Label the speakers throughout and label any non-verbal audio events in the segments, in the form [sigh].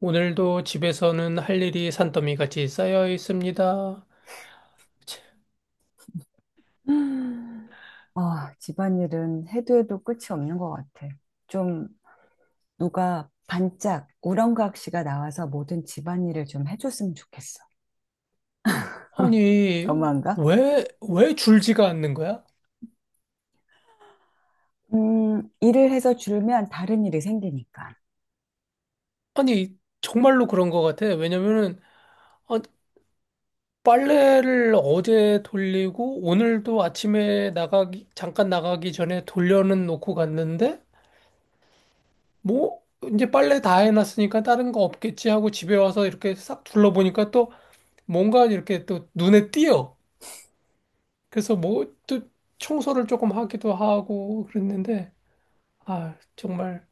Speaker 1: 오늘도 집에서는 할 일이 산더미 같이 쌓여 있습니다. 치,
Speaker 2: 아, 집안일은 해도 해도 끝이 없는 것 같아. 좀 누가 반짝 우렁각시가 나와서 모든 집안일을 좀 해줬으면 좋겠어. [laughs]
Speaker 1: 아니,
Speaker 2: 너무한가?
Speaker 1: 왜 줄지가 않는 거야?
Speaker 2: 일을 해서 줄면 다른 일이 생기니까.
Speaker 1: 아니, 정말로 그런 것 같아. 왜냐면은, 아, 빨래를 어제 돌리고, 오늘도 아침에 나가기, 잠깐 나가기 전에 돌려는 놓고 갔는데, 뭐, 이제 빨래 다 해놨으니까 다른 거 없겠지 하고 집에 와서 이렇게 싹 둘러보니까 또 뭔가 이렇게 또 눈에 띄어. 그래서 뭐 또 청소를 조금 하기도 하고 그랬는데 아 정말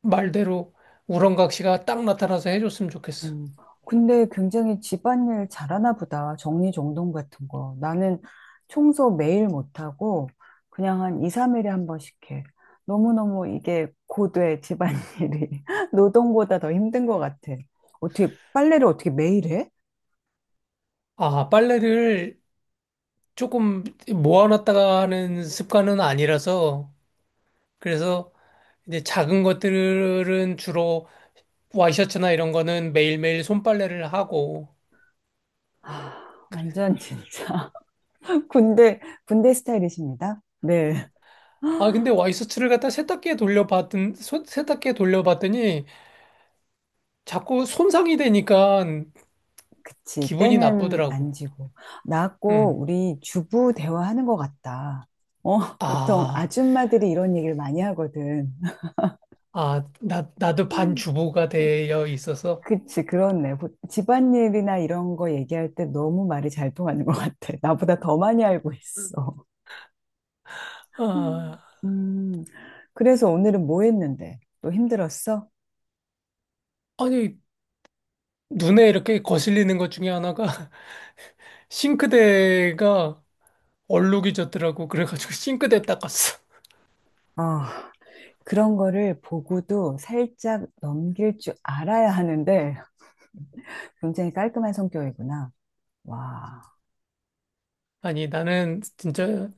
Speaker 1: 말대로 우렁각시가 딱 나타나서 해줬으면 좋겠어.
Speaker 2: 음, 근데 굉장히 집안일 잘하나 보다. 정리정돈 같은 거. 나는 청소 매일 못하고 그냥 한 2, 3일에 한 번씩 해. 너무너무 이게 고돼, 집안일이. [laughs] 노동보다 더 힘든 것 같아. 어떻게, 빨래를 어떻게 매일 해?
Speaker 1: 아 빨래를 조금 모아놨다가 하는 습관은 아니라서 그래서 이제 작은 것들은 주로 와이셔츠나 이런 거는 매일매일 손빨래를 하고
Speaker 2: 아,
Speaker 1: 그래.
Speaker 2: 완전 진짜. [laughs] 군대, 군대 스타일이십니다. 네.
Speaker 1: 아 근데 와이셔츠를 갖다 세탁기에 돌려봤던 세탁기에 돌려봤더니 자꾸 손상이 되니까
Speaker 2: 그치.
Speaker 1: 기분이
Speaker 2: 때는 안
Speaker 1: 나쁘더라고.
Speaker 2: 지고. 나하고
Speaker 1: 음.
Speaker 2: 우리 주부 대화하는 것 같다. 어, [laughs] 보통
Speaker 1: 아,
Speaker 2: 아줌마들이 이런 얘기를 많이 하거든. [laughs]
Speaker 1: 아, 나도 반주부가 되어 있어서,
Speaker 2: 그치, 그렇네. 보- 집안일이나 이런 거 얘기할 때 너무 말이 잘 통하는 것 같아. 나보다 더 많이 알고 있어. 음,
Speaker 1: 아,
Speaker 2: 음, 그래서 오늘은 뭐 했는데? 또 힘들었어?
Speaker 1: 아니, 눈에 이렇게 거슬리는 것 중에 하나가 [laughs] 싱크대가 얼룩이 졌더라고. 그래가지고 [laughs] 싱크대 닦았어.
Speaker 2: 아, 그런 거를 보고도 살짝 넘길 줄 알아야 하는데 굉장히 깔끔한 성격이구나. 와.
Speaker 1: 아니, 나는 진짜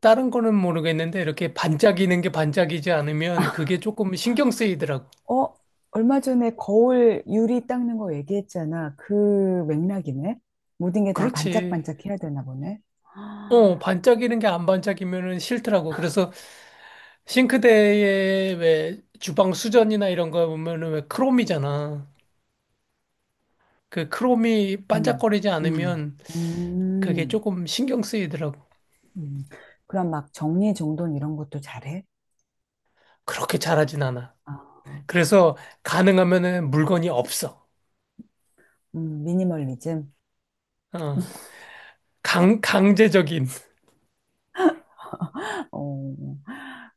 Speaker 1: 다른 거는 모르겠는데 이렇게 반짝이는 게 반짝이지 않으면 그게 조금 신경 쓰이더라고.
Speaker 2: 어, 얼마 전에 거울 유리 닦는 거 얘기했잖아. 그 맥락이네. 모든 게 다
Speaker 1: 그렇지.
Speaker 2: 반짝반짝 해야 되나 보네.
Speaker 1: 어,
Speaker 2: 아,
Speaker 1: 반짝이는 게 안 반짝이면은 싫더라고. 그래서 싱크대에 왜 주방 수전이나 이런 거 보면은 왜 크롬이잖아. 그 크롬이
Speaker 2: 음.
Speaker 1: 반짝거리지
Speaker 2: 음,
Speaker 1: 않으면 그게
Speaker 2: 음,
Speaker 1: 조금 신경 쓰이더라고.
Speaker 2: 음. 그럼 막 정리정돈 이런 것도 잘해?
Speaker 1: 그렇게 잘하진 않아.
Speaker 2: 아,
Speaker 1: 그래서 가능하면은 물건이 없어.
Speaker 2: 미니멀리즘?
Speaker 1: 어, 강제적인.
Speaker 2: [laughs] 어,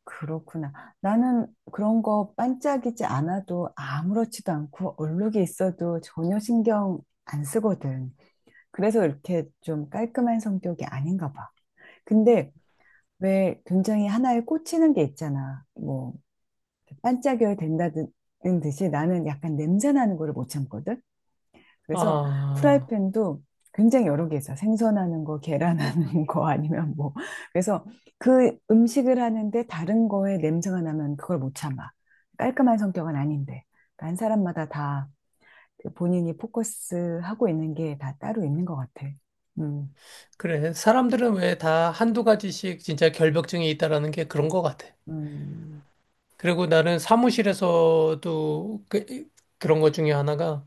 Speaker 2: 그렇구나. 나는 그런 거 반짝이지 않아도 아무렇지도 않고 얼룩이 있어도 전혀 신경 안 쓰거든. 그래서 이렇게 좀 깔끔한 성격이 아닌가 봐. 근데 왜 굉장히 하나에 꽂히는 게 있잖아. 뭐 반짝여야 된다는 듯이 나는 약간 냄새 나는 거를 못 참거든. 그래서
Speaker 1: 아,
Speaker 2: 후라이팬도 굉장히 여러 개 있어. 생선하는 거, 계란하는 [laughs] 거 아니면 뭐. 그래서 그 음식을 하는데 다른 거에 냄새가 나면 그걸 못 참아. 깔끔한 성격은 아닌데. 그러니까 한 사람마다 다그 본인이 포커스하고 있는 게 다 따로 있는 것 같아. 음.
Speaker 1: 그래. 사람들은 왜 다 한두 가지씩 진짜 결벽증이 있다라는 게 그런 것 같아.
Speaker 2: 음.
Speaker 1: 그리고 나는 사무실에서도 그, 그런 것 중에 하나가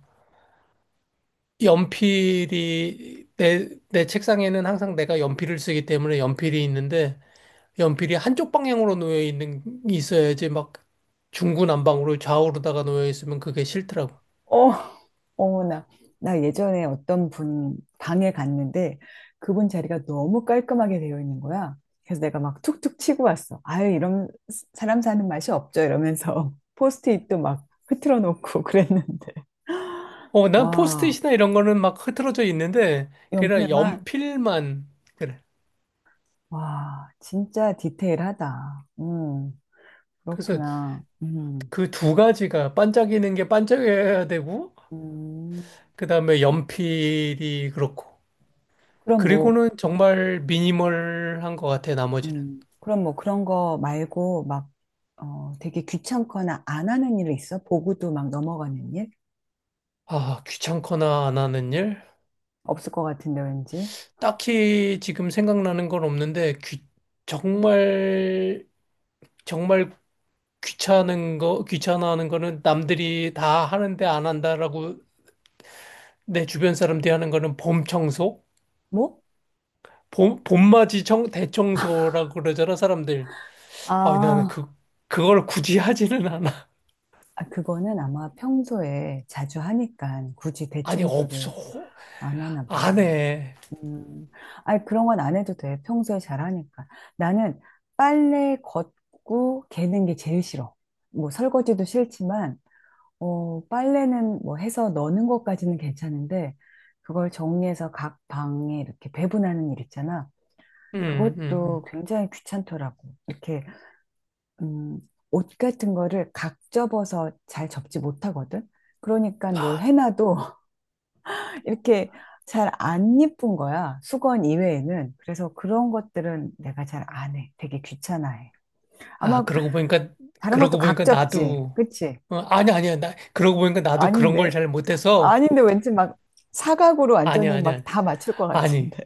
Speaker 1: 연필이 내 책상에는 항상 내가 연필을 쓰기 때문에 연필이 있는데 연필이 한쪽 방향으로 놓여 있는 있어야지 막 중구난방으로 좌우로다가 놓여 있으면 그게 싫더라고.
Speaker 2: 어, 어머나. 나 예전에 어떤 분 방에 갔는데 그분 자리가 너무 깔끔하게 되어 있는 거야. 그래서 내가 막 툭툭 치고 왔어. 아유, 이런 사람 사는 맛이 없죠. 이러면서 [laughs] 포스트잇도 막 흐트러 놓고 [laughs] 그랬는데.
Speaker 1: 어, 난
Speaker 2: 와,
Speaker 1: 포스트잇이나 이런 거는 막 흐트러져 있는데 그냥
Speaker 2: 연필만.
Speaker 1: 연필만 그래.
Speaker 2: 와, 진짜 디테일하다.
Speaker 1: 그래서
Speaker 2: 그렇구나.
Speaker 1: 그 두 가지가 반짝이는 게 반짝여야 되고
Speaker 2: 음.
Speaker 1: 그다음에 연필이 그렇고
Speaker 2: 그럼 뭐
Speaker 1: 그리고는 정말 미니멀한 것 같아 나머지는.
Speaker 2: 그럼 뭐 그런 거 말고 막, 어, 되게 귀찮거나 안 하는 일 있어? 보고도 막 넘어가는 일?
Speaker 1: 아, 귀찮거나 안 하는 일?
Speaker 2: 없을 것 같은데, 왠지.
Speaker 1: 딱히 지금 생각나는 건 없는데 귀, 정말 정말 귀찮은 거, 귀찮아하는 거는 남들이 다 하는데 안 한다라고 내 주변 사람들이 하는 거는 봄 청소?
Speaker 2: 뭐?
Speaker 1: 봄, 봄맞이 청, 대청소라고 그러잖아, 사람들. 아, 나는
Speaker 2: 아,
Speaker 1: 그, 그걸 굳이 하지는 않아.
Speaker 2: 아, 그거는 아마 평소에 자주 하니까 굳이
Speaker 1: [laughs] 아니,
Speaker 2: 대청소를
Speaker 1: 없어.
Speaker 2: 안 하나
Speaker 1: 안
Speaker 2: 보네.
Speaker 1: 해.
Speaker 2: 음, 아니, 그런 건 안 해도 돼. 평소에 잘하니까. 나는 빨래 걷고 개는 게 제일 싫어. 뭐, 설거지도 싫지만, 어, 빨래는 뭐 해서 넣는 것까지는 괜찮은데, 그걸 정리해서 각 방에 이렇게 배분하는 일 있잖아.
Speaker 1: 음, 음,
Speaker 2: 그것도
Speaker 1: 음.
Speaker 2: 굉장히 귀찮더라고. 이렇게, 음, 옷 같은 거를 각 접어서 잘 접지 못하거든? 그러니까 뭘
Speaker 1: 아,
Speaker 2: 해놔도 [laughs] 이렇게 잘 안 예쁜 거야. 수건 이외에는. 그래서 그런 것들은 내가 잘 안 해. 되게 귀찮아해. 아마
Speaker 1: 아, 그러고 보니까,
Speaker 2: 다른 것도
Speaker 1: 그러고
Speaker 2: 각
Speaker 1: 보니까
Speaker 2: 접지.
Speaker 1: 나도,
Speaker 2: 그치?
Speaker 1: 어, 아니, 아니야. 나, 그러고 보니까 나도 그런
Speaker 2: 아닌데.
Speaker 1: 걸 잘 못해서,
Speaker 2: 아닌데 왠지 막 사각으로
Speaker 1: 아니야,
Speaker 2: 완전히 막
Speaker 1: 아니야.
Speaker 2: 다 맞출 것
Speaker 1: 아니.
Speaker 2: 같은데.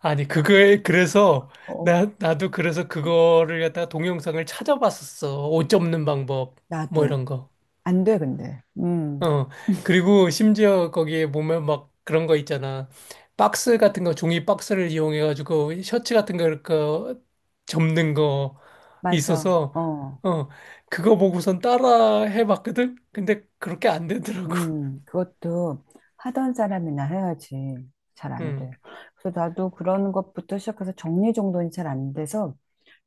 Speaker 1: 아니, 그거에, [laughs] 그래서,
Speaker 2: [laughs] 어.
Speaker 1: 나도 그래서 그거를 갖다가 동영상을 찾아봤었어. 옷 접는 방법, 뭐 이런
Speaker 2: 나도.
Speaker 1: 거.
Speaker 2: 안 돼, 근데.
Speaker 1: 어. 그리고 심지어 거기에 보면 막 그런 거 있잖아. 박스 같은 거, 종이 박스를 이용해가지고 셔츠 같은 거, 이렇게 접는 거
Speaker 2: 맞아.
Speaker 1: 있어서,
Speaker 2: 어.
Speaker 1: 어, 그거 보고선 따라 해봤거든? 근데 그렇게 안 되더라고. [laughs]
Speaker 2: 그것도 하던 사람이나 해야지. 잘 안
Speaker 1: 응.
Speaker 2: 돼. 그래서 나도 그런 것부터 시작해서 정리정돈이 잘 안 돼서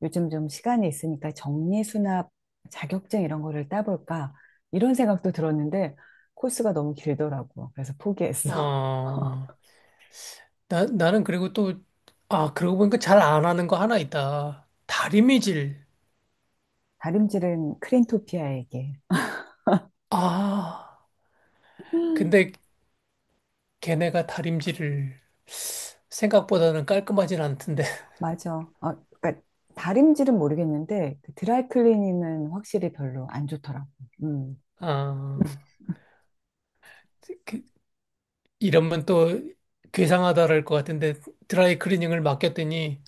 Speaker 2: 요즘 좀 시간이 있으니까 정리수납 자격증 이런 거를 따볼까? 이런 생각도 들었는데 코스가 너무 길더라고. 그래서 포기했어.
Speaker 1: 어. 나는 그리고 또, 아, 그러고 보니까 잘 안 하는 거 하나 있다. 다림이질.
Speaker 2: [laughs] 다림질은 크린토피아에게.
Speaker 1: 아, 근데 걔네가 다림질을 생각보다는 깔끔하진 않던데. [laughs]
Speaker 2: 맞아. 어, 그러니까 다림질은 모르겠는데 그 드라이클리닝은 확실히 별로 안 좋더라고. 음.
Speaker 1: 아, 그, 이러면 또 괴상하다랄 것 같은데 드라이 클리닝을 맡겼더니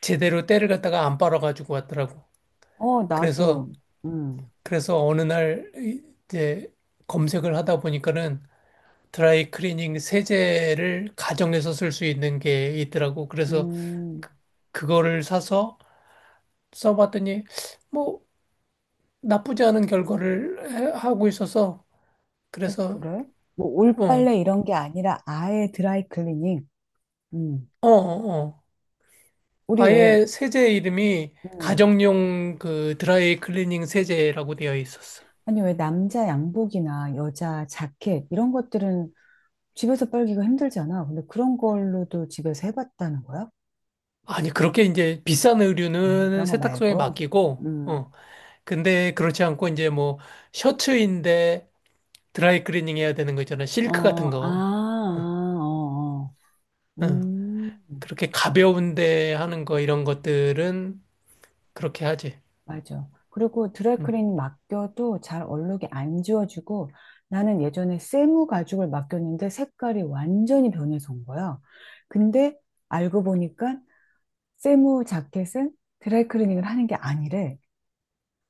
Speaker 1: 제대로 때를 갖다가 안 빨아가지고 왔더라고.
Speaker 2: 어,
Speaker 1: 그래서,
Speaker 2: 나도. 음.
Speaker 1: 그래서 어느 날 이제 검색을 하다 보니까는 드라이 클리닝 세제를 가정에서 쓸 수 있는 게 있더라고. 그래서
Speaker 2: 음.
Speaker 1: 그거를 사서 써봤더니 뭐 나쁘지 않은 결과를 하고 있어서
Speaker 2: 어,
Speaker 1: 그래서
Speaker 2: 그래? 뭐
Speaker 1: 어,
Speaker 2: 올빨래
Speaker 1: 어,
Speaker 2: 이런 게 아니라 아예 드라이클리닝. 음.
Speaker 1: 어. 어.
Speaker 2: 우리 왜
Speaker 1: 아예 세제 이름이
Speaker 2: 음.
Speaker 1: 가정용 그 드라이 클리닝 세제라고 되어 있었어.
Speaker 2: 아니 왜 남자 양복이나 여자 자켓 이런 것들은 집에서 빨기가 힘들잖아. 근데 그런 걸로도 집에서 해봤다는 거야?
Speaker 1: 아니 그렇게 이제 비싼
Speaker 2: 아,
Speaker 1: 의류는
Speaker 2: 그런 거
Speaker 1: 세탁소에
Speaker 2: 말고.
Speaker 1: 맡기고
Speaker 2: 음.
Speaker 1: 어. 근데 그렇지 않고 이제 뭐 셔츠인데 드라이 클리닝 해야 되는 거 있잖아. 실크
Speaker 2: 어,
Speaker 1: 같은
Speaker 2: 아,
Speaker 1: 거.
Speaker 2: 아, 어, 어.
Speaker 1: 응.
Speaker 2: 음,
Speaker 1: 그렇게 가벼운데 하는 거 이런 것들은 그렇게 하지.
Speaker 2: 맞아. 그리고
Speaker 1: 응.
Speaker 2: 드라이클리닝 맡겨도 잘 얼룩이 안 지워지고 나는 예전에 세무 가죽을 맡겼는데 색깔이 완전히 변해서 온 거야. 근데 알고 보니까 세무 자켓은 드라이클리닝을 하는 게 아니래.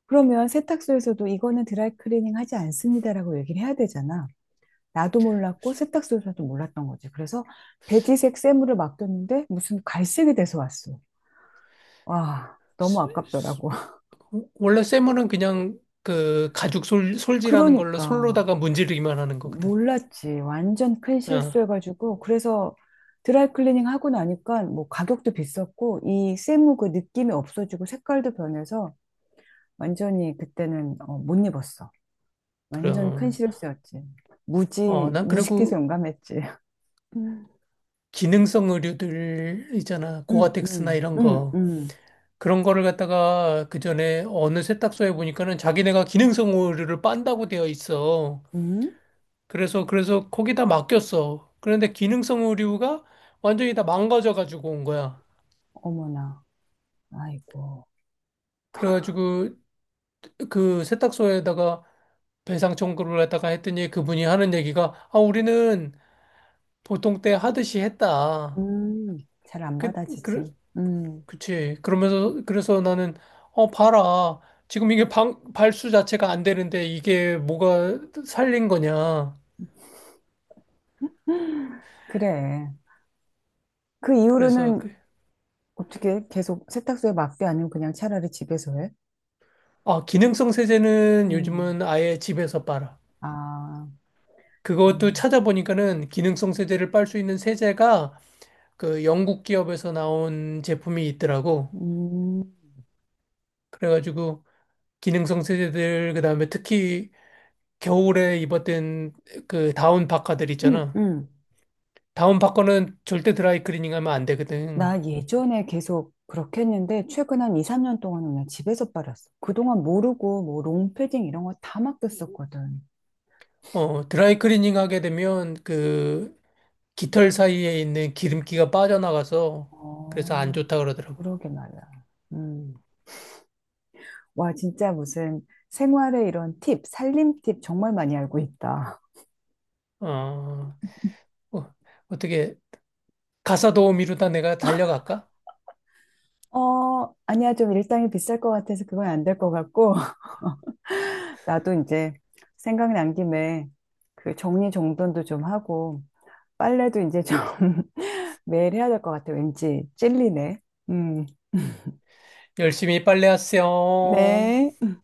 Speaker 2: 그러면 세탁소에서도 이거는 드라이클리닝 하지 않습니다라고 얘기를 해야 되잖아. 나도 몰랐고 세탁소에서도 몰랐던 거지. 그래서 베지색 세무를 맡겼는데 무슨 갈색이 돼서 왔어. 와, 너무
Speaker 1: 스- 스-
Speaker 2: 아깝더라고. [laughs]
Speaker 1: 원래 쇠물은 그냥 그 가죽 솔, 솔지라는 걸로
Speaker 2: 그러니까.
Speaker 1: 솔로다가 문지르기만 하는 거거든.
Speaker 2: 몰랐지. 완전 큰
Speaker 1: 아,
Speaker 2: 실수해가지고. 그래서 드라이클리닝 하고 나니까 뭐 가격도 비쌌고 이 세무 그 느낌이 없어지고 색깔도 변해서 완전히 그때는 어, 못 입었어. 완전 큰
Speaker 1: 그럼.
Speaker 2: 실수였지.
Speaker 1: 어,
Speaker 2: 무지,
Speaker 1: 난
Speaker 2: 무식해서
Speaker 1: 그리고
Speaker 2: 용감했지. 음?
Speaker 1: 기능성 의류들 있잖아.
Speaker 2: 음,
Speaker 1: 고아텍스나
Speaker 2: 음,
Speaker 1: 이런
Speaker 2: 음,
Speaker 1: 거.
Speaker 2: 음.
Speaker 1: 그런 거를 갖다가 그 전에 어느 세탁소에 보니까는 자기네가 기능성 의류를 빤다고 되어 있어.
Speaker 2: 음?
Speaker 1: 그래서 거기다 맡겼어. 그런데 기능성 의류가 완전히 다 망가져가지고 온 거야.
Speaker 2: 어머나. 아이고.
Speaker 1: 그래가지고 그 세탁소에다가 배상 청구를 했다가 했더니 그분이 하는 얘기가 아 우리는 보통 때 하듯이 했다.
Speaker 2: 음, 잘 안
Speaker 1: 그, 그,
Speaker 2: 받아지지.
Speaker 1: 그치. 그러면서 그래서 나는 어 봐라. 지금 이게 방, 발수 자체가 안 되는데 이게 뭐가 살린 거냐.
Speaker 2: 그래. 그
Speaker 1: 그래서
Speaker 2: 이후로는
Speaker 1: 그,
Speaker 2: 어떻게 계속 세탁소에 맡겨 아니면 그냥 차라리 집에서 해?
Speaker 1: 아 기능성 세제는
Speaker 2: 음.
Speaker 1: 요즘은 아예 집에서 빨아.
Speaker 2: 아, 그래.
Speaker 1: 그것도 찾아보니까는 기능성 세제를 빨 수 있는 세제가 그 영국 기업에서 나온 제품이 있더라고.
Speaker 2: 음,
Speaker 1: 그래가지고 기능성 세제들 그다음에 특히 겨울에 입었던 그 다운 파카들
Speaker 2: 음,
Speaker 1: 있잖아.
Speaker 2: 음.
Speaker 1: 다운 파카는 절대 드라이 클리닝 하면 안 되거든.
Speaker 2: 나 예전에 계속 그렇게 했는데, 최근 한 2, 3년 동안은 그냥 집에서 빨았어. 그동안 모르고, 뭐, 롱패딩 이런 거 다 맡겼었거든.
Speaker 1: 어, 드라이 클리닝 하게 되면 그 깃털 사이에 있는 기름기가 빠져나가서 그래서 안
Speaker 2: 어,
Speaker 1: 좋다 그러더라고.
Speaker 2: 그러게 말이야. 음. 와, 진짜 무슨 생활의 이런 팁, 살림 팁 정말 많이 알고 있다.
Speaker 1: 어, 어, 어떻게 가사 도우미로다 내가 달려갈까?
Speaker 2: 어, 아니야. 좀 일당이 비쌀 것 같아서 그건 안 될 것 같고, [laughs] 나도 이제 생각난 김에 그 정리정돈도 좀 하고, 빨래도 이제 좀 [laughs] 매일 해야 될 것 같아. 왠지 찔리네. 음.
Speaker 1: 열심히 빨래하세요.
Speaker 2: 네.